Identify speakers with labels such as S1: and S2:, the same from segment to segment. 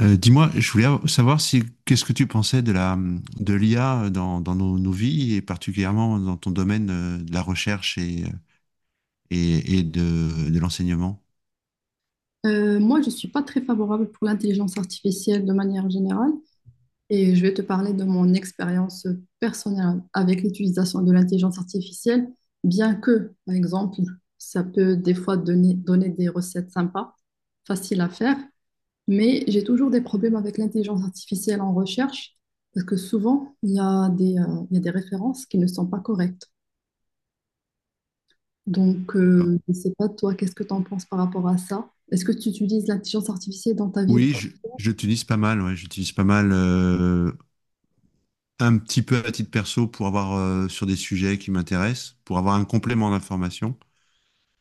S1: Dis-moi, je voulais savoir si qu'est-ce que tu pensais de l'IA dans nos vies et particulièrement dans ton domaine de la recherche et de l'enseignement.
S2: Moi, je ne suis pas très favorable pour l'intelligence artificielle de manière générale et je vais te parler de mon expérience personnelle avec l'utilisation de l'intelligence artificielle, bien que, par exemple, ça peut des fois donner des recettes sympas, faciles à faire, mais j'ai toujours des problèmes avec l'intelligence artificielle en recherche parce que souvent, il y a il y a des références qui ne sont pas correctes. Donc,
S1: D'accord.
S2: je ne sais pas, toi, qu'est-ce que tu en penses par rapport à ça? Est-ce que tu utilises l'intelligence artificielle dans ta vie?
S1: Oui, je l'utilise pas mal. Ouais, j'utilise pas mal un petit peu à titre perso pour avoir sur des sujets qui m'intéressent, pour avoir un complément d'information.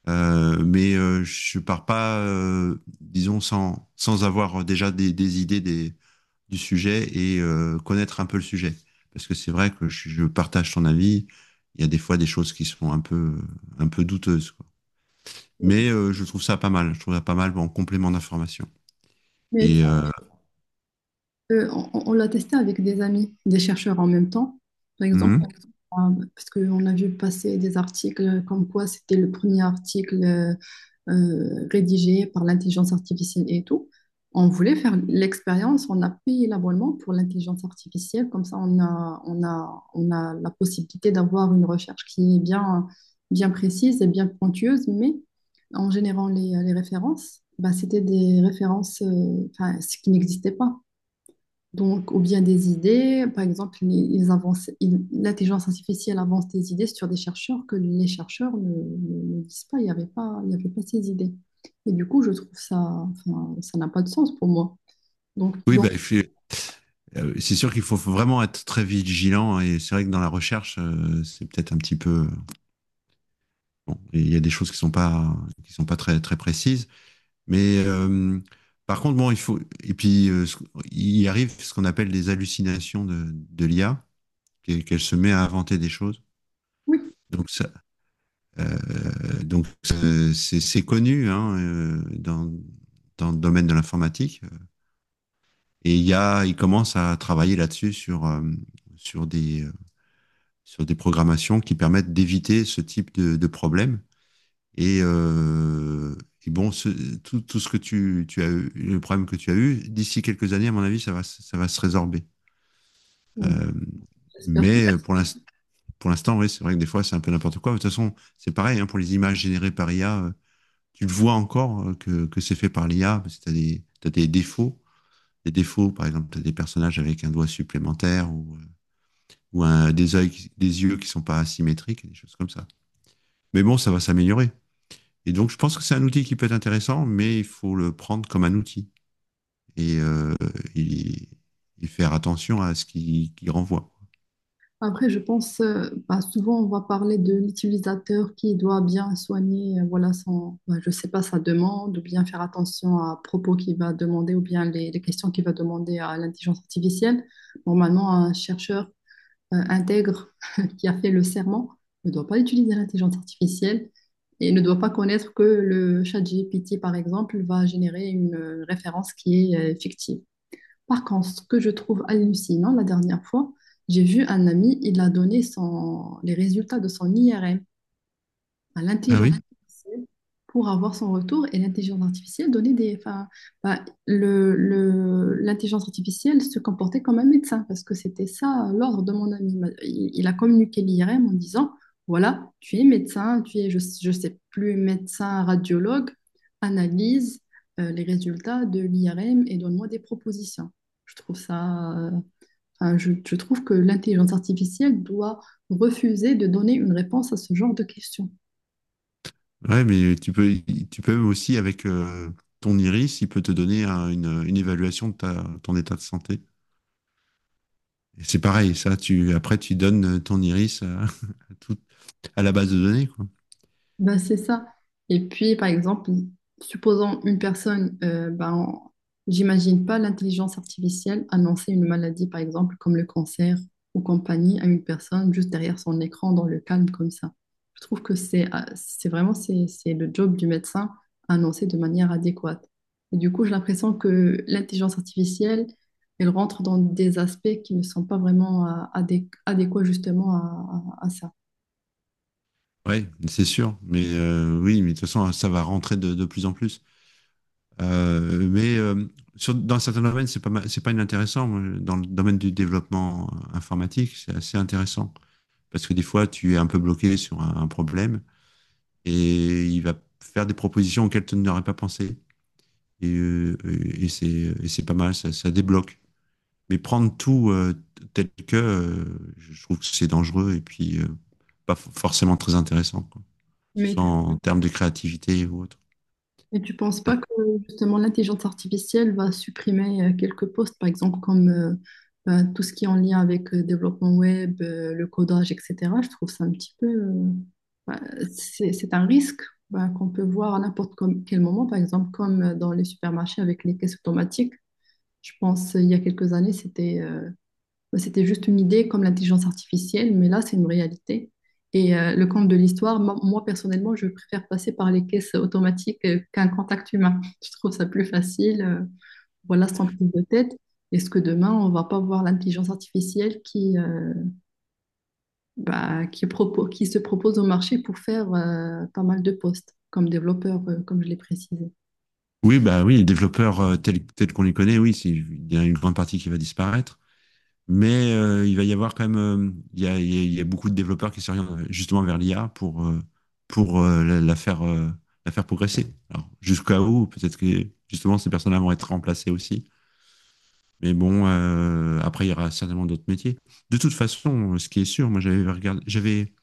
S1: Mais je pars pas, disons, sans avoir déjà des idées du sujet et connaître un peu le sujet. Parce que c'est vrai que je partage ton avis. Il y a des fois des choses qui sont un peu douteuses, quoi. Mais je trouve ça pas mal. Je trouve ça pas mal en complément d'information.
S2: Mais tu
S1: Et euh,
S2: peux- on l'a testé avec des amis, des chercheurs en même temps. Par exemple,
S1: hum.
S2: on a- parce qu'on a vu passer des articles comme quoi c'était le premier article rédigé par l'intelligence artificielle et tout. On voulait faire l'expérience, on a payé l'abonnement pour l'intelligence artificielle, comme ça on a la possibilité d'avoir une recherche qui est bien précise et bien pointueuse, mais en générant les références, bah, c'était des références enfin, ce qui n'existait pas. Donc, ou bien des idées, par exemple, ils avancent, ils- l'intelligence artificielle avance des idées sur des chercheurs que les chercheurs ne disent pas, il n'y avait pas ces idées. Et du coup, je trouve ça, enfin, ça n'a pas de sens pour moi. Donc,
S1: Oui,
S2: bon,
S1: bah, c'est sûr qu'il faut vraiment être très vigilant, et c'est vrai que dans la recherche, c'est peut-être un petit peu bon, il y a des choses qui sont pas très très précises. Mais par contre, bon, il faut. Et puis, il arrive ce qu'on appelle des hallucinations de l'IA, qu'elle se met à inventer des choses.
S2: oui,
S1: Donc, ça, euh, donc, c'est connu, hein, dans le domaine de l'informatique. Et il commence à travailler là-dessus sur, sur des, euh, sur des programmations qui permettent d'éviter ce type de problème. Et, euh, et, bon, tout ce que tu as eu, le problème que tu as eu, d'ici quelques années, à mon avis, ça va se résorber.
S2: on-
S1: Euh,
S2: j'espère.
S1: mais pour l'instant, oui, c'est vrai que des fois, c'est un peu n'importe quoi. De toute façon, c'est pareil, hein, pour les images générées par IA, tu le vois encore que c'est fait par l'IA, parce que t'as des défauts. Des défauts, par exemple, tu as des personnages avec un doigt supplémentaire ou un, des yeux qui sont pas asymétriques, et des choses comme ça. Mais bon, ça va s'améliorer. Et donc, je pense que c'est un outil qui peut être intéressant, mais il faut le prendre comme un outil et, euh, et, et faire attention à ce qu'il renvoie.
S2: Après, je pense, bah, souvent, on va parler de l'utilisateur qui doit bien soigner, voilà, son, bah, je sais pas, sa demande, ou bien faire attention à propos qu'il va demander, ou bien les questions qu'il va demander à l'intelligence artificielle. Normalement, un chercheur intègre qui a fait le serment ne doit pas utiliser l'intelligence artificielle et ne doit pas connaître que le chat GPT, par exemple, va générer une référence qui est fictive. Par contre, ce que je trouve hallucinant, la dernière fois, j'ai vu un ami, il a donné son- les résultats de son IRM à
S1: Ah
S2: l'intelligence
S1: oui?
S2: artificielle pour avoir son retour et l'intelligence artificielle donnait des... Enfin, bah, l'intelligence artificielle se comportait comme un médecin parce que c'était ça l'ordre de mon ami. Bah, Il a communiqué l'IRM en disant, voilà, tu es médecin, tu es, je sais plus, médecin, radiologue, analyse les résultats de l'IRM et donne-moi des propositions. Je trouve ça... enfin, je trouve que l'intelligence artificielle doit refuser de donner une réponse à ce genre de questions.
S1: Ouais, mais tu peux aussi, avec ton iris, il peut te donner une évaluation de ton état de santé. Et c'est pareil, ça, après, tu donnes ton iris à, à la base de données, quoi.
S2: Ben, c'est ça. Et puis, par exemple, supposons une personne, ben, j'imagine pas l'intelligence artificielle annoncer une maladie, par exemple, comme le cancer ou compagnie, à une personne juste derrière son écran, dans le calme, comme ça. Je trouve que c'est vraiment c'est le job du médecin à annoncer de manière adéquate. Et du coup, j'ai l'impression que l'intelligence artificielle, elle rentre dans des aspects qui ne sont pas vraiment adé- adéquats justement à ça.
S1: Oui, c'est sûr. Mais oui, mais de toute façon, ça va rentrer de plus en plus. Mais dans certains domaines, c'est pas inintéressant. Moi, dans le domaine du développement informatique, c'est assez intéressant parce que des fois, tu es un peu bloqué sur un problème et il va faire des propositions auxquelles tu n'aurais pas pensé. Et, euh, et c'est pas mal, ça débloque. Mais prendre tout tel que, je trouve que c'est dangereux et puis pas forcément très intéressant, quoi. Que ce
S2: Mais
S1: soit en termes de créativité ou autre.
S2: et tu penses pas que justement l'intelligence artificielle va supprimer quelques postes, par exemple comme ben, tout ce qui est en lien avec le développement web, le codage, etc. Je trouve ça un petit peu... ben, c'est un risque ben, qu'on peut voir à n'importe com- quel moment, par exemple comme dans les supermarchés avec les caisses automatiques. Je pense il y a quelques années, c'était bah, c'était juste une idée comme l'intelligence artificielle, mais là, c'est une réalité. Et le compte de l'histoire, personnellement, je préfère passer par les caisses automatiques qu'un contact humain. Je trouve ça plus facile, voilà, sans prise de tête. Est-ce que demain, on va pas voir l'intelligence artificielle qui, bah, qui, propo- qui se propose au marché pour faire pas mal de postes comme développeur, comme je l'ai précisé?
S1: Oui, bah oui, les développeurs tels qu'on les connaît, oui, il y a une grande partie qui va disparaître, mais il va y avoir quand même, il y a, il y a- il y a beaucoup de développeurs qui s'orientent justement vers l'IA pour la faire progresser. Alors, jusqu'à où, peut-être que justement ces personnes-là vont être remplacées aussi, mais bon, après il y aura certainement d'autres métiers. De toute façon, ce qui est sûr, moi j'avais regardé, j'avais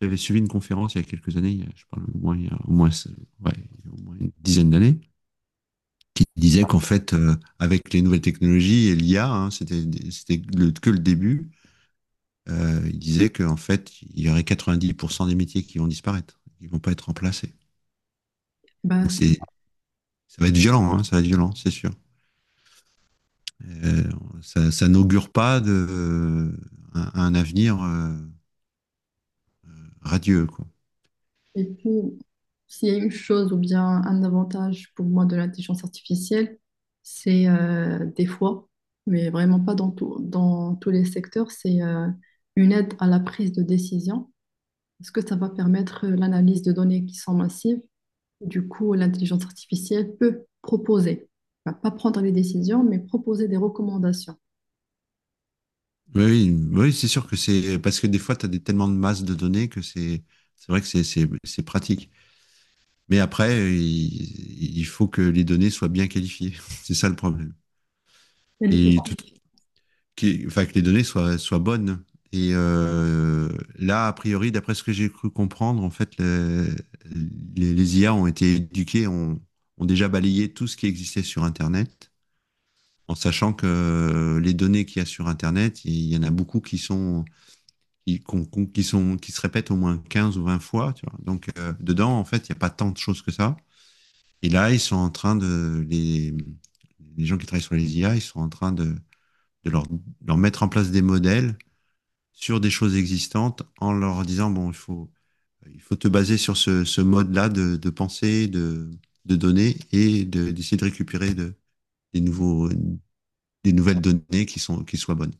S1: J'avais suivi une conférence il y a quelques années, je parle au moins, ouais, il y a au moins une dizaine d'années, qui disait qu'en fait, avec les nouvelles technologies et l'IA, hein, que le début. Il disait qu'en fait, il y aurait 90% des métiers qui vont disparaître, qui vont pas être remplacés.
S2: Bah,
S1: Donc, ça va être violent, hein, ça va être violent, c'est sûr. Euh, ça n'augure pas un avenir, radieux, quoi.
S2: et puis, s'il y a une chose ou bien un avantage pour moi de l'intelligence artificielle, c'est des fois, mais vraiment pas dans tout- dans tous les secteurs, c'est une aide à la prise de décision. Parce que ça va permettre l'analyse de données qui sont massives. Du coup, l'intelligence artificielle peut proposer, va pas prendre les décisions, mais proposer des recommandations.
S1: Oui, oui, oui, c'est sûr que c'est parce que des fois, tellement de masse de données que c'est vrai que c'est pratique. Mais après, il faut que les données soient bien qualifiées. C'est ça le problème. Et tout, enfin, que les données soient bonnes. Et là, a priori, d'après ce que j'ai cru comprendre, en fait, les IA ont été éduquées, ont déjà balayé tout ce qui existait sur Internet, en sachant que les données qu'il y a sur Internet, il y en a beaucoup qui sont qui, qu qui, sont, qui se répètent au moins 15 ou 20 fois. Tu vois. Donc, dedans, en fait, il n'y a pas tant de choses que ça. Et là, ils sont en train de. Les gens qui travaillent sur les IA, ils sont en train de leur mettre en place des modèles sur des choses existantes en leur disant bon, il faut te baser sur ce mode-là de pensée, de données et de d'essayer de récupérer des, nouveaux, des nouvelles données qui soient bonnes.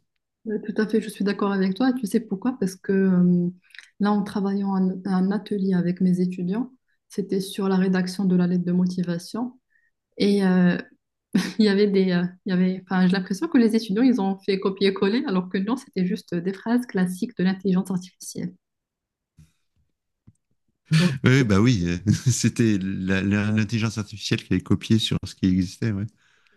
S2: Ouais, tout à fait, je suis d'accord avec toi. Et tu sais pourquoi? Parce que là, en travaillant un atelier avec mes étudiants, c'était sur la rédaction de la lettre de motivation. Et il y avait il y avait, enfin, j'ai l'impression que les étudiants, ils ont fait copier-coller, alors que non, c'était juste des phrases classiques de l'intelligence artificielle.
S1: Oui, oui, bah oui, c'était l'intelligence artificielle qui avait copié sur ce qui existait, ouais.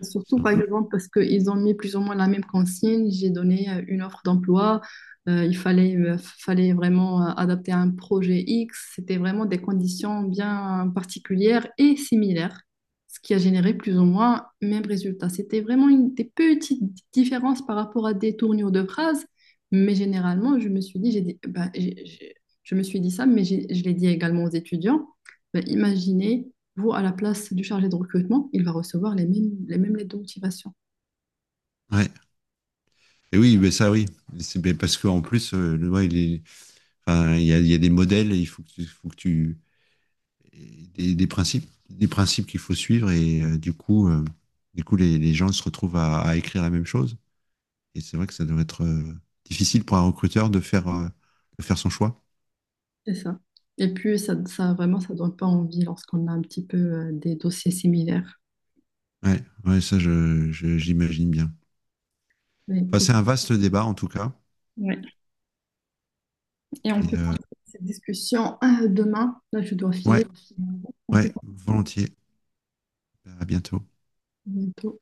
S2: Surtout,
S1: Sur-
S2: par exemple, parce qu'ils ont mis plus ou moins la même consigne. J'ai donné une offre d'emploi. Il fallait vraiment adapter à un projet X. C'était vraiment des conditions bien particulières et similaires, ce qui a généré plus ou moins le même résultat. C'était vraiment une, des petites différences par rapport à des tournures de phrases. Mais généralement, je me suis dit, j'ai dit- bah, j'ai- je me suis dit ça, mais je l'ai dit également aux étudiants. Bah, imaginez vous, à la place du chargé de recrutement, il va recevoir les mêmes lettres de motivation.
S1: ouais. Et oui, mais ça, oui. C'est ben parce qu'en plus, ouais, enfin, il y a des modèles, et il faut que tu et des principes qu'il faut suivre, et du coup, les gens se retrouvent à écrire la même chose. Et c'est vrai que ça doit être difficile pour un recruteur de faire son choix.
S2: C'est ça. Et puis, ça ne donne pas envie lorsqu'on a un petit peu des dossiers similaires.
S1: Ouais, ouais, ça, j'imagine bien.
S2: Mais
S1: Enfin,
S2: écoute,
S1: c'est un vaste débat en tout cas.
S2: ouais. Et on peut
S1: Et euh,
S2: prendre cette discussion. Ah, demain, là, je dois
S1: ouais.
S2: filer. On
S1: Ouais,
S2: fait
S1: volontiers. À bientôt.
S2: bientôt.